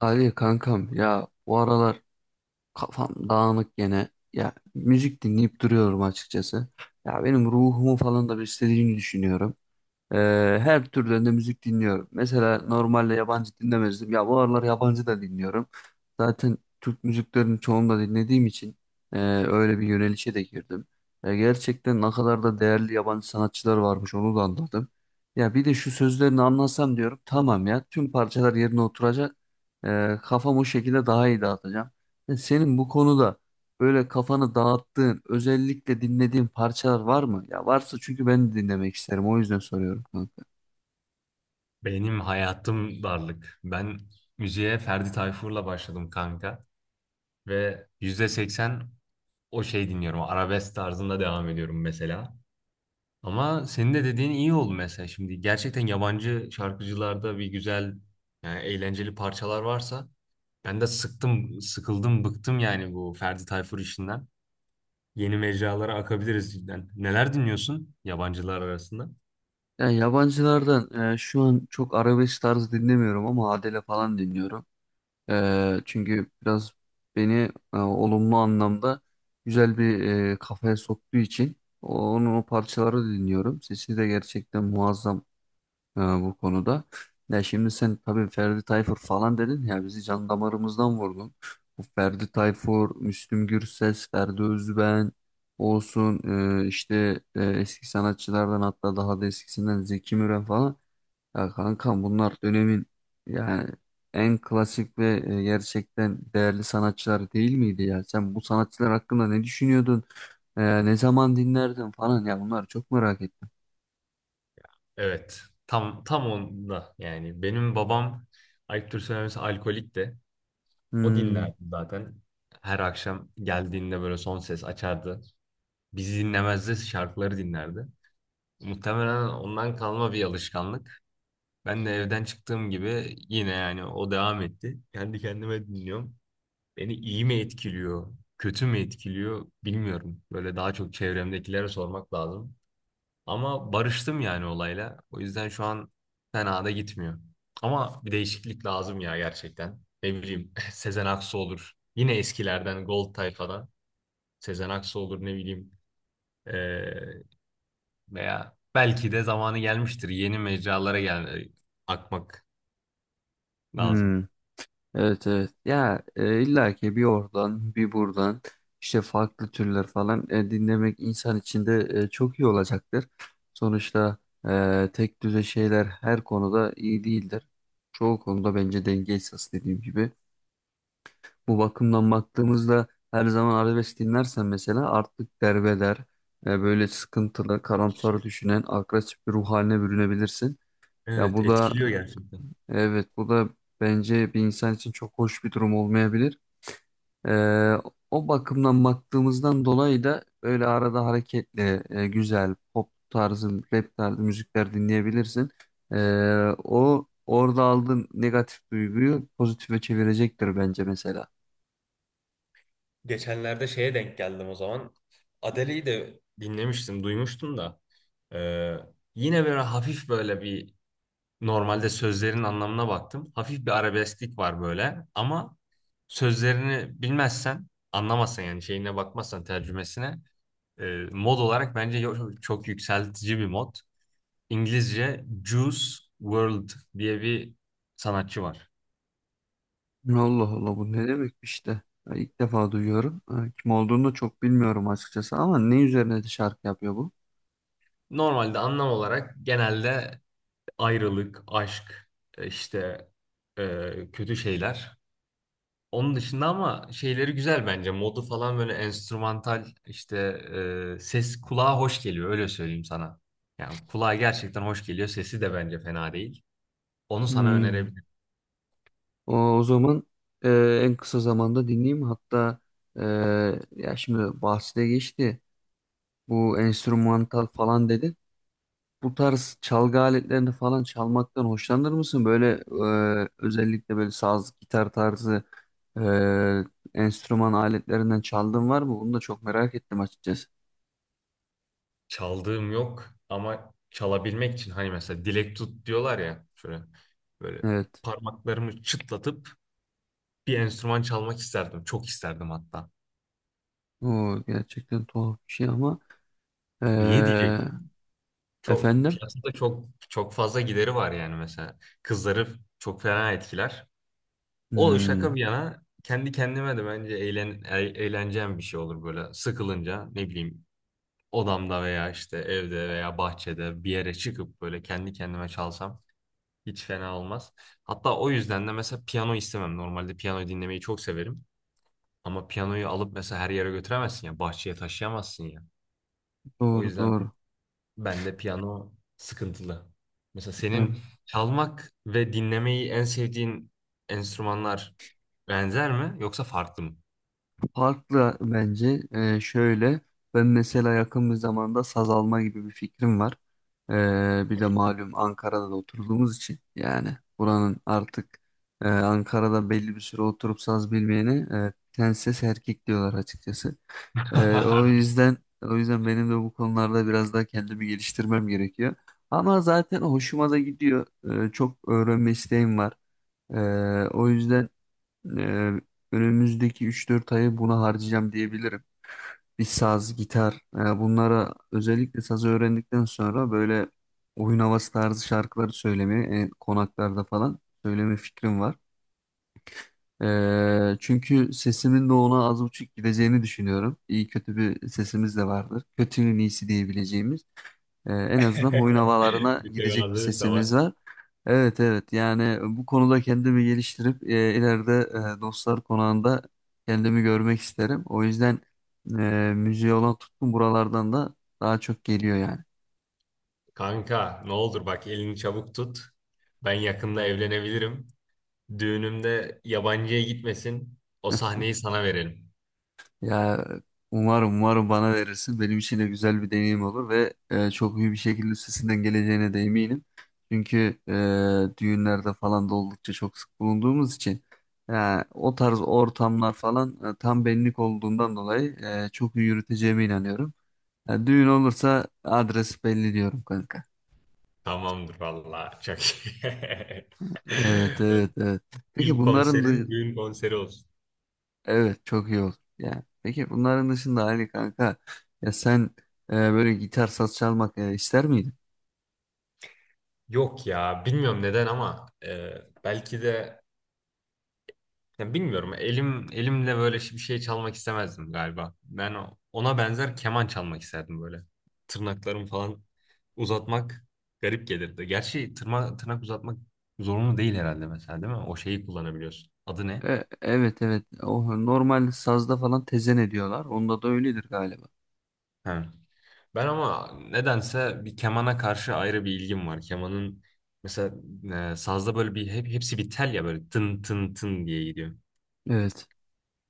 Ali kankam ya bu aralar kafam dağınık gene. Ya müzik dinleyip duruyorum açıkçası. Ya benim ruhumu falan da beslediğini düşünüyorum. Ee, her türden de müzik dinliyorum. Mesela normalde yabancı dinlemezdim. Ya bu aralar yabancı da dinliyorum. Zaten Türk müziklerini çoğunu da dinlediğim için e, öyle bir yönelişe de girdim. Gerçekten ne kadar da değerli yabancı sanatçılar varmış onu da anladım. Ya bir de şu sözlerini anlasam diyorum tamam ya tüm parçalar yerine oturacak. Kafam o şekilde daha iyi dağıtacağım. Senin bu konuda böyle kafanı dağıttığın, özellikle dinlediğin parçalar var mı? Ya varsa çünkü ben de dinlemek isterim. O yüzden soruyorum kanka. Benim hayatım darlık. Ben müziğe Ferdi Tayfur'la başladım kanka. Ve %80 o şey dinliyorum. Arabesk tarzında devam ediyorum mesela. Ama senin de dediğin iyi oldu mesela. Şimdi gerçekten yabancı şarkıcılarda bir güzel, yani eğlenceli parçalar varsa ben de sıktım, sıkıldım, bıktım yani bu Ferdi Tayfur işinden. Yeni mecralara akabiliriz cidden. Neler dinliyorsun yabancılar arasında? Ya yabancılardan şu an çok arabesk tarzı dinlemiyorum ama Adele falan dinliyorum. Çünkü biraz beni olumlu anlamda güzel bir kafaya soktuğu için onun o parçaları dinliyorum. Sesi de gerçekten muazzam bu konuda. Ya şimdi sen tabii Ferdi Tayfur falan dedin ya bizi can damarımızdan vurdun. Bu Ferdi Tayfur, Müslüm Gürses, Ferdi Özben olsun eski sanatçılardan hatta daha da eskisinden Zeki Müren falan. Ya kankam bunlar dönemin yani en klasik ve gerçekten değerli sanatçılar değil miydi ya? Sen bu sanatçılar hakkında ne düşünüyordun? Ne zaman dinlerdin falan ya bunlar çok merak ettim. Evet. Tam onda yani benim babam ayıptır söylemesi alkolik de o Hmm. dinlerdi zaten. Her akşam geldiğinde böyle son ses açardı. Bizi dinlemezdi, şarkıları dinlerdi. Muhtemelen ondan kalma bir alışkanlık. Ben de evden çıktığım gibi yine yani o devam etti. Kendi kendime dinliyorum. Beni iyi mi etkiliyor, kötü mü etkiliyor bilmiyorum. Böyle daha çok çevremdekilere sormak lazım. Ama barıştım yani olayla. O yüzden şu an fena da gitmiyor. Ama bir değişiklik lazım ya gerçekten. Ne bileyim Sezen Aksu olur. Yine eskilerden Gold tayfadan. Sezen Aksu olur ne bileyim. Ee, Veya belki de zamanı gelmiştir. Yeni mecralara gel akmak lazım. Hmm. Evet, evet, ya illa ki bir oradan bir buradan işte farklı türler falan dinlemek insan için de çok iyi olacaktır. Sonuçta tek düze şeyler her konuda iyi değildir. Çoğu konuda bence denge esas dediğim gibi. Bu bakımdan baktığımızda her zaman arabesk dinlersen mesela artık derbeder, böyle sıkıntılı, karamsar düşünen, agresif bir ruh haline bürünebilirsin. Ya Evet, bu da, etkiliyor gerçekten. Evet, bu da bence bir insan için çok hoş bir durum olmayabilir. Ee, O bakımdan baktığımızdan dolayı da öyle arada hareketli, güzel pop tarzı, rap tarzı müzikler dinleyebilirsin. Ee, O orada aldığın negatif duyguyu pozitife çevirecektir bence mesela. Geçenlerde şeye denk geldim o zaman. Adele'yi de dinlemiştim, duymuştum da. Ee, Yine böyle hafif böyle bir, normalde sözlerin anlamına baktım. Hafif bir arabesklik var böyle ama sözlerini bilmezsen, anlamazsan yani şeyine bakmazsan tercümesine e, mod olarak bence çok yükseltici bir mod. İngilizce Juice World diye bir sanatçı var. Allah Allah, bu ne demek işte. Ya İlk defa duyuyorum. Ha, kim olduğunu da çok bilmiyorum açıkçası ama ne üzerine de şarkı yapıyor bu? Normalde anlam olarak genelde ayrılık, aşk, e, işte kötü şeyler. Onun dışında ama şeyleri güzel bence. Modu falan böyle enstrümantal işte, ses kulağa hoş geliyor, öyle söyleyeyim sana. Yani kulağa gerçekten hoş geliyor. Sesi de bence fena değil. Onu sana Hmm. önerebilirim. O zaman en kısa zamanda dinleyeyim. Hatta, e, ya şimdi bahsine geçti, bu enstrümantal falan dedin. Bu tarz çalgı aletlerini falan çalmaktan hoşlanır mısın? Böyle özellikle böyle saz, gitar tarzı enstrüman aletlerinden çaldığın var mı? Bunu da çok merak ettim açıkçası. Çaldığım yok ama çalabilmek için hani mesela dilek tut diyorlar ya, şöyle böyle Evet. parmaklarımı çıtlatıp bir enstrüman çalmak isterdim. Çok isterdim hatta. O gerçekten tuhaf bir şey ama e, Niye diyeceksin? Çok efendim. piyasada çok çok fazla gideri var yani mesela. Kızları çok fena etkiler. O şaka Hmm. bir yana kendi kendime de bence eğleneceğim bir şey olur böyle sıkılınca ne bileyim, odamda veya işte evde veya bahçede bir yere çıkıp böyle kendi kendime çalsam hiç fena olmaz. Hatta o yüzden de mesela piyano istemem. Normalde piyano dinlemeyi çok severim ama piyanoyu alıp mesela her yere götüremezsin ya, bahçeye taşıyamazsın ya. O Doğru, yüzden doğru. bende piyano sıkıntılı. Mesela Evet. senin çalmak ve dinlemeyi en sevdiğin enstrümanlar benzer mi yoksa farklı mı? Farklı bence. Şöyle, ben mesela yakın bir zamanda saz alma gibi bir fikrim var. Bir de malum Ankara'da da oturduğumuz için, yani buranın artık, Ankara'da belli bir süre oturup saz bilmeyeni tenses erkek diyorlar açıkçası. Ee, o yüzden o yüzden benim de bu konularda biraz daha kendimi geliştirmem gerekiyor. Ama zaten hoşuma da gidiyor. Çok öğrenme isteğim var. Ee, o yüzden ee, Önümüzdeki 3-4 ayı buna harcayacağım diyebilirim. Bir saz, gitar, bunlara özellikle sazı öğrendikten sonra böyle oyun havası tarzı şarkıları söylemeye, konaklarda falan söyleme fikrim var. Çünkü sesimin de ona az buçuk gideceğini düşünüyorum. İyi kötü bir sesimiz de vardır. Kötünün iyisi diyebileceğimiz. En azından oyun havalarına Bir gidecek bir tevazılık da var. sesimiz var. Evet, evet, yani bu konuda kendimi geliştirip ileride dostlar konağında kendimi görmek isterim. O yüzden müziğe olan tutkum buralardan da daha çok geliyor yani. Kanka ne olur bak, elini çabuk tut. Ben yakında evlenebilirim. Düğünümde yabancıya gitmesin. O sahneyi sana verelim. Ya, umarım, umarım bana verirsin. Benim için de güzel bir deneyim olur ve çok iyi bir şekilde üstesinden geleceğine de eminim. Çünkü düğünlerde falan da oldukça çok sık bulunduğumuz için ya, o tarz ortamlar falan tam benlik olduğundan dolayı çok iyi yürüteceğime inanıyorum. Ya, düğün olursa adres belli diyorum kanka. Tamamdır valla. Çok iyi. Evet, evet, evet. Peki İlk bunların… konserin düğün konseri olsun. Evet, çok iyi olur. Yani peki bunların dışında Ali kanka, ya sen böyle gitar, saz çalmak ister miydin? Yok ya, bilmiyorum neden ama belki de, ya bilmiyorum. Elim elimle böyle bir şey çalmak istemezdim galiba. Ben ona benzer keman çalmak isterdim böyle. Tırnaklarımı falan uzatmak garip gelirdi. Gerçi tırnak uzatmak zorunlu değil herhalde mesela, değil mi? O şeyi kullanabiliyorsun. Adı ne? Evet, evet. O normal sazda falan tezen ediyorlar. Onda da öyledir galiba. Ha. Ben ama nedense bir kemana karşı ayrı bir ilgim var. Kemanın mesela, sazda böyle bir hepsi bir tel ya, böyle tın tın tın diye gidiyor. Evet.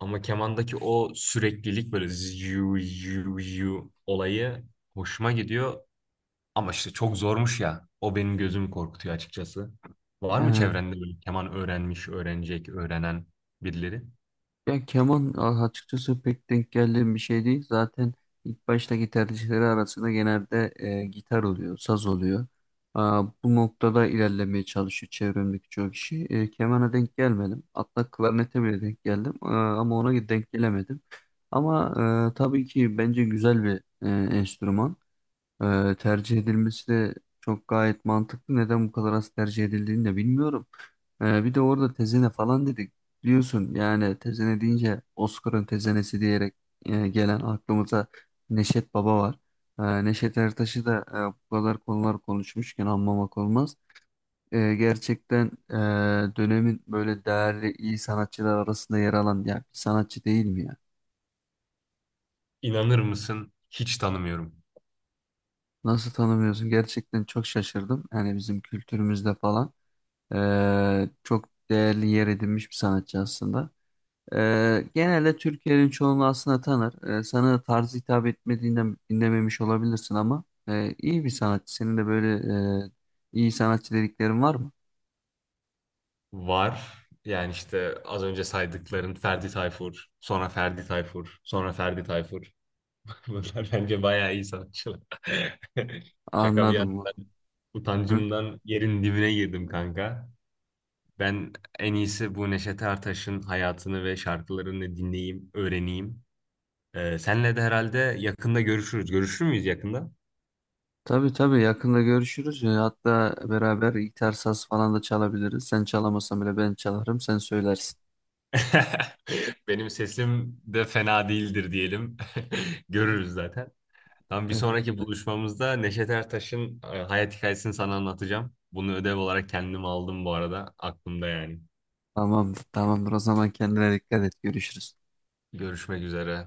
Ama kemandaki o süreklilik, böyle yu yu yu olayı hoşuma gidiyor. Ama işte çok zormuş ya. O benim gözümü korkutuyor açıkçası. Var mı çevrende böyle keman öğrenmiş, öğrenecek, öğrenen birileri? Ya keman açıkçası pek denk geldiğim bir şey değil. Zaten ilk baştaki tercihleri arasında genelde gitar oluyor, saz oluyor. Aa, bu noktada ilerlemeye çalışıyor çevremdeki çoğu kişi. E, kemana denk gelmedim. Hatta klarnete bile denk geldim. Aa, ama ona denk gelemedim. Ama tabii ki bence güzel bir e, enstrüman. Tercih edilmesi de çok gayet mantıklı. Neden bu kadar az tercih edildiğini de bilmiyorum. Bir de orada tezene falan dedik. Biliyorsun yani tezene deyince Oscar'ın tezenesi diyerek gelen aklımıza Neşet Baba var. Neşet Ertaş'ı da bu kadar konular konuşmuşken anmamak olmaz. Gerçekten, dönemin böyle değerli iyi sanatçılar arasında yer alan ya bir sanatçı değil mi ya? İnanır mısın? Hiç tanımıyorum. Nasıl tanımıyorsun? Gerçekten çok şaşırdım. Yani bizim kültürümüzde falan. Çok değerli yer edinmiş bir sanatçı aslında. Genelde Türkiye'nin çoğunu aslında tanır. Sana tarzı hitap etmediğinden dinlememiş olabilirsin ama iyi bir sanatçı. Senin de böyle e, iyi sanatçı dediklerin var mı? Var. Yani işte az önce saydıkların Ferdi Tayfur, sonra Ferdi Tayfur, sonra Ferdi Tayfur. Bunlar bence bayağı iyi sanatçılar. Şaka bir Anladım yana mı? ben Hı? utancımdan yerin dibine girdim kanka. Ben en iyisi bu Neşet Ertaş'ın hayatını ve şarkılarını dinleyeyim, öğreneyim. Senle de herhalde yakında görüşürüz. Görüşür müyüz yakında? Tabii, tabii, yakında görüşürüz. Hatta beraber gitar, saz falan da çalabiliriz. Sen çalamasan bile ben çalarım, sen söylersin. Benim sesim de fena değildir diyelim. Görürüz zaten. Tam bir Ee, sonraki buluşmamızda Neşet Ertaş'ın hayat hikayesini sana anlatacağım. Bunu ödev olarak kendim aldım bu arada. Aklımda yani. Tamamdır, tamamdır. O zaman kendine dikkat et. Görüşürüz. Görüşmek üzere.